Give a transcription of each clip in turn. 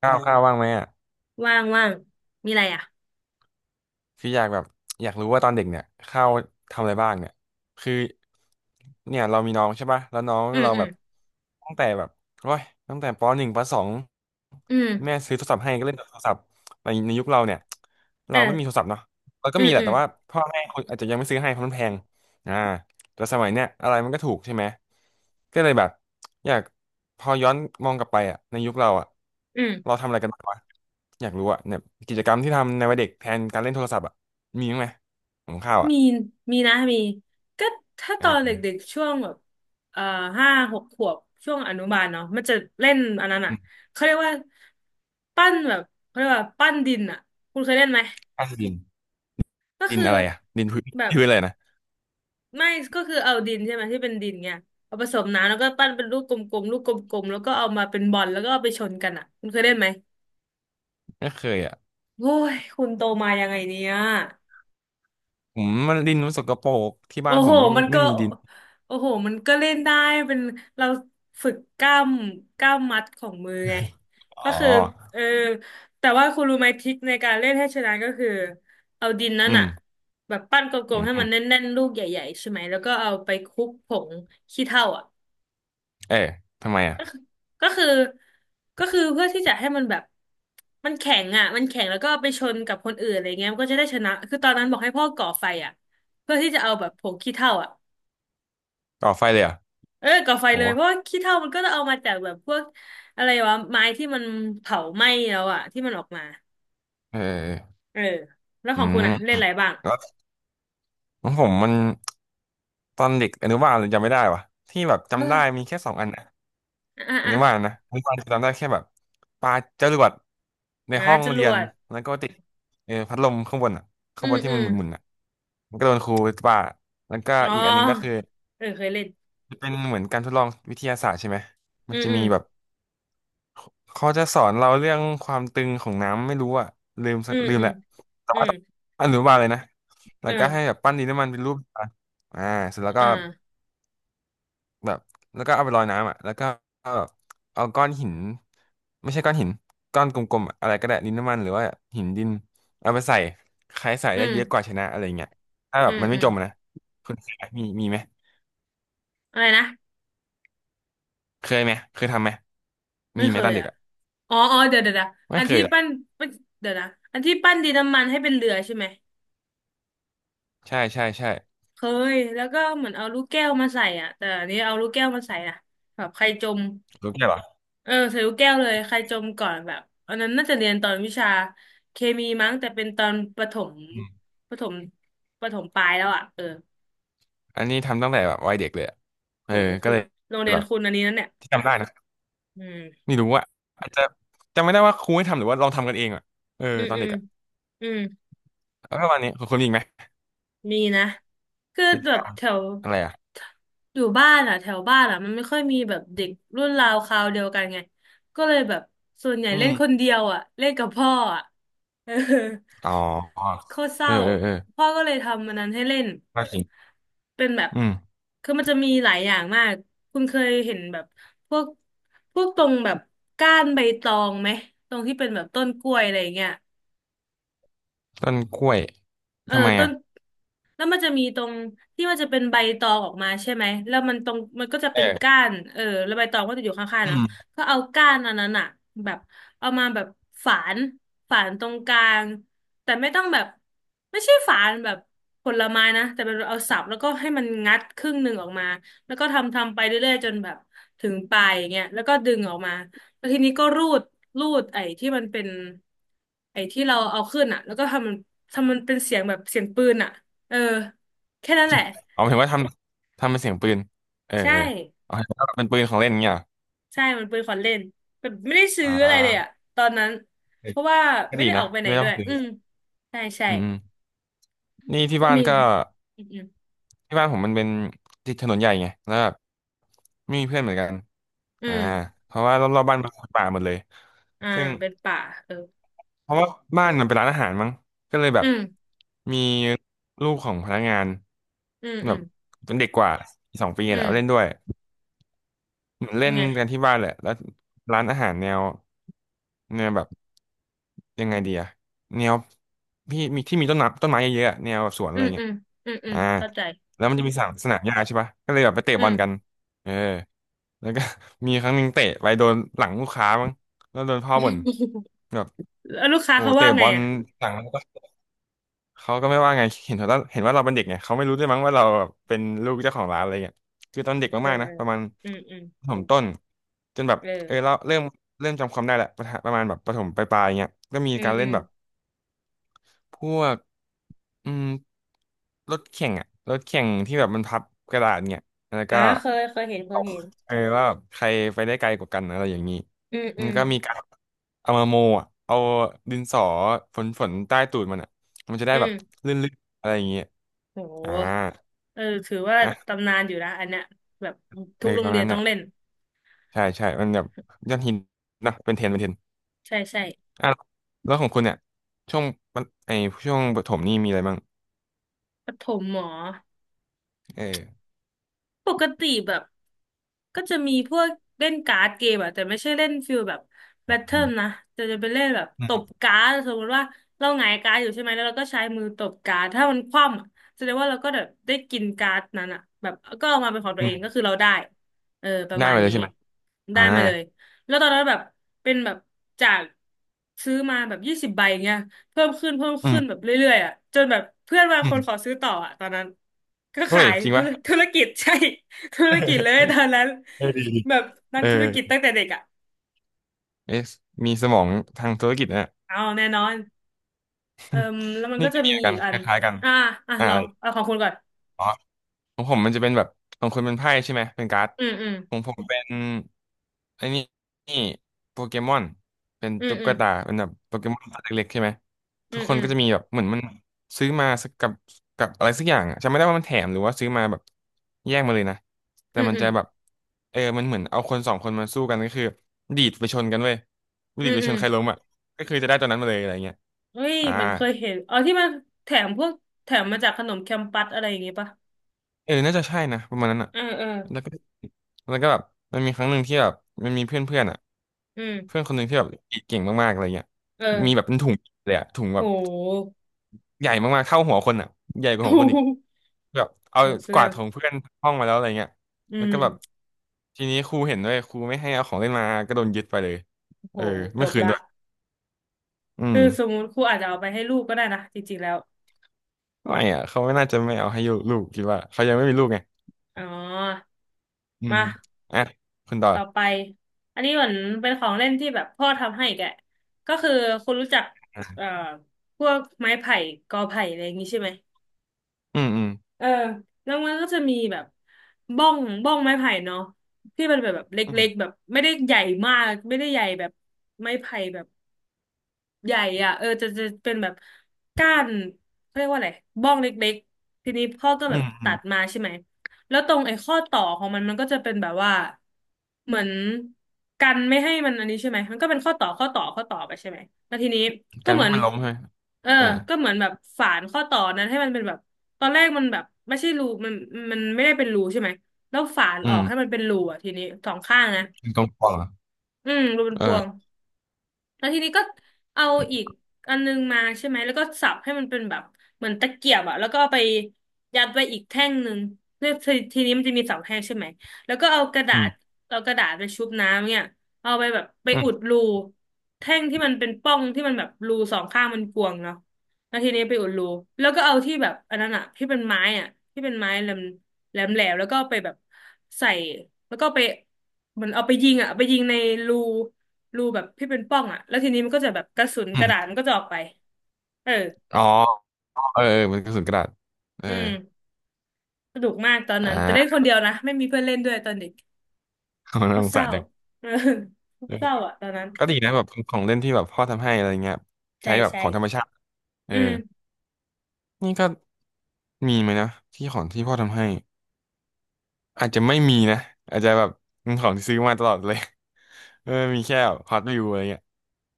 ข้าเอวมข้าวบ้างไหมอ่ะว่างว่างมีอะไรอ่ะคืออยากแบบอยากรู้ว่าตอนเด็กเนี่ยข้าวทำอะไรบ้างเนี่ยคือเนี่ยเรามีน้องใช่ป่ะแล้วน้องอืมเราอืแบมบตั้งแต่แบบโอ้ยตั้งแต่ปหนึ่งปสองอืแม่มซื้อโทรศัพท์ให้ก็เล่นแต่โทรศัพท์ในยุคเราเนี่ยเอเราไม่มีโทอรศัพท์เนาะเราก็อืมมีแหอืละมแต่ว่าพ่อแม่คนอาจจะยังไม่ซื้อให้เพราะมันแพงอ่าแต่สมัยเนี้ยอะไรมันก็ถูกใช่ไหมก็เลยแบบ อยากพอย้อนมองกลับไปอ่ะในยุคเราอ่ะอืมเราทำอะไรกันบ้างวะอยากรู้อ่ะเนี่ยกิจกรรมที่ทำในวัยเด็กแทนการเล่นโทรศัพท์อ่ะมีบ้างไหมของข้าวอ่ะมีมีนะมีก็ถ้าตอ่อนเด็กาๆช่วงแบบเอ่อ5-6 ขวบช่วงอนุบาลเนาะมันจะเล่นอันนั้นอ่ะอืมเขาเรียกว่าปั้นแบบเขาเรียกว่าปั้นดินอ่ะคุณเคยเล่นไหมข้าวดินก็ดินคืออะไรอ่ะดินพื้น แบ บพื้นอะไรนะไม่ก็คือเอาดินใช่ไหมที่เป็นดินเนี่ยเอาผสมน้ำแล้วก็ปั้นเป็นลูกกลมๆลูกกลมๆแล้วก็เอามาเป็นบอลแล้วก็เอาไปชนกันอ่ะคุณเคยเล่นไหมไม่เคยอ่ะโอ้ยคุณโตมายังไงเนี่ย ผมมันดินมันสกปรกที่โอ้บ้านผโห มไม่มีมันไม่ก็มีดินโอ้โห มันก็เล่นได้ เป็นเราฝึกกล้ามกล้ามมัดของมือไง ก็อ๋อคือ เออ แต่ว่าคุณรู้ไหมทริคในการเล่นให้ชนะก็คือ เอาดินนั้นอือะมแบบปั้นกลอืมๆมให้อืมัมนแน่นๆลูกใหญ่ๆใช่ไหม แล้วก็เอาไปคลุกผงขี้เถ้าอ่ะ เอ๊ะทำไมอ่ะ ก็คือก็คือเพื่อที่จะให้มันแบบ มันแข็งอ่ะมันแข็งแล้วก็เอาไปชนกับคนอื่นอะไรเงี้ยมันก็จะได้ชนะคือตอนนั้นบอกให้พ่อก่อไฟอ่ะเพื่อที่จะเอาแบบผงขี้เถ้าอ่ะ ก่อไฟเลยอ่ะเออก่อไฟโหเลยเพราะว่าขี้เถ้ามันก็จะเอามาจากแบบพวกอะไรวะไม้ที่มันเผาไหม้แล้วอะที่มันออกมาเออเออเออแล้วขอืองคุณมอะเล่นอะไรบ้างแล้วของผมมันตอนเด็กอนุบาลเลยจำไม่ได้วะที่แบบเออจำได้มีแค่สองอันนะ อ่ะอ่ะนึกว่านะนึกว่าจำได้แค่แบบปาจรวดในอ่ะห้องจรเรียวนดแล้วก็ติดเออพัดลมข้างบนอ่ะข้าอืงบมนที่อืมันมหมุนๆอ่ะมันก็โดนครูปาแล้วก็อ๋ออีกอันหนึงก็คือเออเคยเล่นเป็นเหมือนการทดลองวิทยาศาสตร์ใช่ไหมอืมันมจะอืมีมแบบเขาจะสอนเราเรื่องความตึงของน้ำไม่รู้อ่ะลืมสัอืกมลืมอืแหมละแต่อืว่ามต้องอนุบาลเลยนะแล้เอวอก็ให้แบบปั้นดินน้ำมันเป็นรูปอ่ะอ่าเสร็จแล้วก็ อ่าแบบแล้วก็เอาไปลอยน้ำอ่ะแล้วก็เอาก้อนหินไม่ใช่ก้อนหินก้อนกลมๆอะอะไรก็ได้ดินน้ำมันหรือว่าหินดินเอาไปใส่ใครใส่อืได้เยอะกว่ามชนะอะไรเงี้ยถ้าแบอืบมมันอืไม่มจมอะนะคุณเคยไหมมีไหมอะไรนะเคยไหมเคยทำไหมไม่มีไหมเคตอยนเด็กอะอ่ะอ๋ออ๋อเดี๋ยวเดี๋ยวเดี๋ยวไม่อันเคยที่หรอกปั้นเดี๋ยวนะอันที่ปั้นดินน้ำมันให้เป็นเรือใช่ไหม ใช่ใช่ใช่เคยแล้วก็เหมือนเอาลูกแก้วมาใส่อ่ะแต่อันนี้เอาลูกแก้วมาใส่นะแบบใครจมรู้แค่เหรอเออใส่ลูกแก้วเลยใครจมก่อนแบบอันนั้นน่าจะเรียนตอนวิชาเคมีมั้งแต่เป็นตอนประถมอืมประถมประถมปลายแล้วอ่ะเอออันนี้ทำตั้งแต่แบบวัยเด็กเลยอะเอโหอก็คุณเลยโรงเรียแบนบคุณอันนี้นั่นเนี่ยที่จำได้นะอืมไม่รู้ว่าอาจจะจำไม่ได้ว่าครูให้ทำหรือว่าลองทำกันเองอ่ะเอออืมตอนอืเด็มกอ่ะอืม แล้วประมาณนี้คุณมีอีกไหมมีนะคือกิจแบกรบรมแถวอะไรอ่ะอยู่บ้านอ่ะแถวบ้านอ่ะมันไม่ค่อยมีแบบเด็กรุ่นราวคราวเดียวกันไงก็เลยแบบส่วนใหญ่อืเล่นม คนเดียวอ่ะเล่นกับพ่ออ่ะ เอออ๋อโคตรเศเออร้าเออเออพ่อก็เลยทำมันนั้นให้เล่นก็จริงเป็นแบบอืมคือมันจะมีหลายอย่างมากคุณเคยเห็นแบบพวกพวกตรงแบบก้านใบตองไหมตรงที่เป็นแบบต้นกล้วยอะไรอย่างเงี้ย ต้นกล้วยเออทำไมต้นอ่ะแล้วมันจะมีตรงที่มันจะเป็นใบตองออกมาใช่ไหมแล้วมันตรงมันก็จะเอเป็นก้าอนเออแล้วใบตองก็จะอยู่ข้างๆอืเนาะมก็เอาก้านอันนั้นอะแบบเอามาแบบฝานฝานตรงกลางแต่ไม่ต้องแบบไม่ใช่ฝานแบบผลไม้นะแต่เป็นเอาสับแล้วก็ให้มันงัดครึ่งหนึ่งออกมาแล้วก็ทำทำไปเรื่อยๆจนแบบถึงปลายอย่างเงี้ยแล้วก็ดึงออกมา แล้วทีนี้ก็รูดรูดไอ้ที่มันเป็นไอ้ที่เราเอาขึ้นอ่ะแล้วก็ทำมันทำมันเป็นเสียงแบบเสียงปืนอ่ะเออแค่นั้นจแหริงละเอาเห็นว่าทำเป็นเสียงปืนเออใช่เออเอาเห็นว่าเป็นปืนของเล่นเงี้ยเหรอใช่มันปืนขวัญเล่นแบบไม่ได้ซื้ออ่อะไรเลยอ่ะาตอนนั้นเออเพราะว่าก็ไม่ดีได้ออนะกไปไหนไม่ต้ด้อวงยซื้ออืมใช่ใช่อืมอืมนี่ที่คุณบ้านมีก็ไหมอืมอืมที่บ้านผมมันเป็นติดถนนใหญ่ไงแล้วแบบไม่มีเพื่อนเหมือนกันอือ่ามเพราะว่ารอบๆบ้านเป็นป่าหมดเลยอ่าซึ่ง เป็นป่าเออเพราะว่าบ้านมันเป็นร้านอาหารมั้งก็เลยแบอืบมมีลูกของพนักงานอืมแบอืมบเป็นเด็กกว่าสองปีอืแหละมเล่นด้วย เหมือนเป็เล่นนไงกันที่บ้านแหละแล้วร้านอาหารแนวแนวแบบยังไงดีอะแนวพี่มีที่มีต้นน้ำต้นไม้เยอะๆอะแนวแบบสวนอะอืไรมอืเงี้ยมอืมอืมอ่าเข้าใจแล้วมันจะมีสนามหญ้าใช่ปะก็เลยแบบไปเตะอืบอม ลกันเออแล้วก็ มีครั้งหนึ่งเตะไปโดนหลังลูกค้ามั้งแล้วโดนพ่อบ่น แบบแล้วลูกค้าโอ้เขาเตะว่าบไงอลอ่ะหลัง เขาก็ไม่ว่าไง เห็นว่าเราเป็นเด็กไงเขาไม่รู้ด้วยมั้งว่าเราแบบเป็นลูกเจ้าของร้านอะไรเงี้ยคือตอนเด็กเออมากๆนะประมาณเอออืมอืมประถมต้นจนแบบเออ เออเราเริ่มจำความได้แหละประถประมาณแบบประถมปลายๆเงี้ยก็มีอืมการอืเล่นมแบบพวกอืมรถแข่งอะรถแข่งที่แบบมันพับกระดาษเงี้ยแล้วอ่าก็ เคยเคยเห็นเคยเห็นเออว่าแบบใครไปได้ไกลกว่ากันอะไรอย่างนี้อืมอืมันมก็มีการเอามาโมอ่ะเอาดินสอฝนใต้ตูดมันอ่ะมันจะได้อืแบบมลื่นๆอะไรอย่างเงี้ยโอ่าหเออถือว่าอ่ะตำนานอยู่นะอันเนี้ยแบบทุในกโรปงระเรีมาณยนนั้นต้องน่ะเล่นใช่ใช่มันแบบยอดฮิตนะเป็นเทรนด์ใช่ใช่อ่ะแล้วของคุณเนี่ยช่วงมันไอช่วงประถมนี่มีอะไรบ้างปฐมหมอเออปกติแบบ ก็จะมีพวกเล่นการ์ดเกมอะแต่ไม่ใช่เล่นฟิลแบบอแบทเทิืลมนะแต่จะเป็นเล่นแบบตบการ์ดสมมติว่าเราหงายการ์ดอยู่ใช่ไหมแล้วเราก็ใช้มือตบการ์ดถ้ามันคว่ำอะแสดงว่าเราก็แบบได้กินการ์ดนั้นอะแบบก็เอามาเป็นของตัอืวเองมก็คือเราได้เออประได้มาไปณเลยนี้ใช่ไหมอ่าได้มาเลยแล้วตอนนั้นแบบเป็นแบบจากซื้อมาแบบ20 ใบเงี้ยเพิ่มขึ้นเพิ่มอืขึ้นแบมบเรื่อยๆอะจนแบบเพื่อนบางอืคนขอมซื้อต่ออะตอนนั้นก็เฮ้ขายยจริงธุปะรธุรกิจใช่ ธุรกิจเลยตอนนั้นเออดีดีแบบนัเอกอธุรกิจตั้งแต่เด็กอ่ะเอะมีสมองทางธุรกิจนะ เอาแน่นอนเอิ่มแล้วมันนี่ก็ก็จะมีมีเหมือนกัอีนกอัคนล้ายๆกันอ่าอ่ะอ่าลองเอาของคุณก่อนอ๋อของผมมันจะเป็นแบบของคุณเป็นไพ่ใช่ไหมเป็นการ์ดอืมอืมของผมเป็นไอ้นี่นี่โปเกมอนเป็นอืมตุ๊อืกมตาเป็นแบบโปเกมอนตัวเล็กๆใช่ไหมอืทุกมคอืนมก็จะมีแบบเหมือนมันซื้อมาสักกับอะไรสักอย่างอ่ะจำไม่ได้ว่ามันแถมหรือว่าซื้อมาแบบแยกมาเลยนะแต่อืมมันอืมจะแบบเออมันเหมือนเอาคนสองคนมาสู้กันก็คือดีดไปชนกันเว้ยอืดีดมไปอืชมนใครล้มอ่ะก็คือจะได้ตัวนั้นมาเลยอะไรเงี้ยเฮ้ยอ่า เหมันเคยเห็นอ๋อที่มันแถมพวกแถมมาจากขนมแคมปัสอะไรอย่างงี้ปะเออ น่าจะใช่นะประมาณนั้นอ่ะเออเออแล้วก็แล้วก็แบบมันมีครั้งหนึ่งที่แบบมันมีเพื่อนเพื่อนอ่ะอืเพื่อนมคนหนึ่งที่แบบเก่งมากๆอะไรเงี้ยเอมีแบอบเป็นถุงเลยอ่ะถุงโแบบห ใหญ่มากๆเท่าหัวคนอ่ะใหญ่กว่าหัวคนอีกโหแบบเอาโหเสียกเลวายดของเพื่อนห้องมาแล้วอะไรเงี้ยอืแล้วมก็แบบทีนี้ครูเห็นด้วยครูไม่ให้เอาของเล่นมาก็โดนยึดไปเลยโหเออจไม่บคืนละด้วยอืคืมอสมมุติครูอาจจะเอาไปให้ลูกก็ได้นะจริงๆแล้วไม่อ่ะเขาไม่น่าจะไม่เอาให้ลูกคิดว่าเขายังไม่มีลูกไงอ๋ออืมมา อ่ะคุณต่อต่อไปอันนี้เหมือนเป็นของเล่นที่แบบพ่อทำให้แกก็คือคุณรู้จักเอ่อพวกไม้ไผ่กอไผ่อะไรอย่างงี้ใช่ไหมอืมอืมเออแล้วมันก็จะมีแบบบ้องไม้ไผ่เนาะที่มันแบบเลอื็กๆมแบบไม่ได้ใหญ่มากไม่ได้ใหญ่แบบไม้ไผ่แบบ ใหญ่อ่ะเออจะเป็นแบบก้านเขาเรียกว่าอะไรบ้องเล็กๆทีนี้พ่อก็อืแบบตัดม มาใช่ไหมแล้วตรงไอ้ข้อต่อของมันก็จะเป็นแบบว่าเหมือนกันไม่ให้มันอันนี้ใช่ไหมมันก็เป็นข้อต่อไปใช่ไหมแล้วทีนี้ก็กันเหไม่มือให้นมันล้มใช่ไหมเออเออก็เหมือนแบบฝานข้อต่อนั้นให้มันเป็นแบบตอนแรกมันแบบไม่ใช่รูมันมันไม่ได้เป็นรูใช่ไหมแล้วฝานออือกมให้มันเป็นรูอ่ะทีนี้สองข้างนะยิงตองปองเหรออืมรูเป็นพวง เออแล้วทีนี้ก็เอาอีกอันนึงมาใช่ไหมแล้วก็สับให้มันเป็นแบบเหมือนตะเกียบอะแล้วก็เอาไปยัดไว้อีกแท่งหนึ่งแล้วทีนี้มันจะมีสองแท่งใช่ไหมแล้วก็เอากระดาอืมษเอากระดาษไปชุบน้ำเนี่ยเอาไปแบบไปอือุมดรูแท่งที่มันเป็นป่องที่มันแบบรูสองข้างมันกวางเนาะแล้วทีนี้ไปอุดรูแล้วก็เอาที่แบบอันนั้นอะที่เป็นไม้อะที่เป็นไม้แหลมแล้วก็ไปแบบใส่แล้วก็ไปเหมือนเอาไปยิงอะไปยิงในรู รูแบบที่เป็นปล้องอ่ะแล้วทีนี้มันก็จะแบบกระสุนอืกระดาษมมันก็จะออกไปเอออ๋อเออเออมันกระสุนกระดาษเอออืมสนุกมากตอนอ่นั้นแต่เล่นคา นเดียวนะไม่มีเพื่อนเล่นด้วยตอนเด็ก มันโคน่าตรสงเศสาร้ารจังเออเออเศร้าอ่ะตอนนั้นก็ดีนะแบบของเล่นที่แบบพ่อทำให้อะไรเงี้ยใช้ใช่แบบใช่ของธรรมชาติเอออืมนี่ก็มีไหมนะที่ของที่พ่อทำให้ อาจจะไม่มีนะอาจจะแบบ เป็นของที่ซื้อมาตลอดเลย เออมีแค่ฮอตวิวอะไรเงี้ย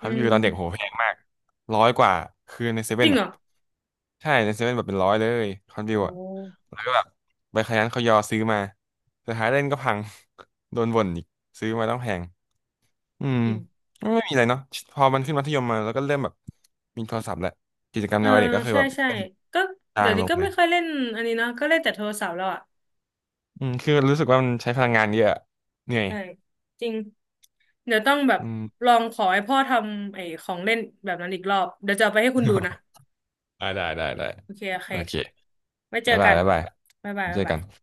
ฮอือตวิวตอนเด็กโหมแพงมากร้อยกว่าคือในเซจเว่รินงเหรอ่ะอใช่ในเซเว่นแบบเป็นร้อยเลยฮอตวิวโออ่ะ้แล้วก็แบบไปขยันเขายอซื้อมาสุดท้ายเล่นก็พัง โดนบ่นอีกซื้อมาต้องแพงอืมจริงไม่มีอะไรเนาะพอมันขึ้นมัธยมมาแล้วก็เริ่มแบบมีโทรศัพท์แหละกิจกรรมเอในอวัยเด็กก็คือใช่แบบใช่เล่นก็จาเดี๋ยงวลนี้งก็เลไม่ยค่อยเล่นอันนี้เนาะก็เล่นแต่โทรศัพท์แล้วอ่ะอืมคือรู้สึกว่ามันใช้พลังงานเยอะอะเหนื่อยใช่จริงเดี๋ยวต้องแบบอืม ลองขอให้พ่อทำไอ้ของเล่นแบบนั้นอีกรอบเดี๋ยวจะเอาไปให้คุณดูนะ ได้ได้ได้ได้โอเคโอเคโอเคไว้เจอบ๊ายบากัยนบ๊ายบายบ๊ายบายเจบ๊าอยบากันย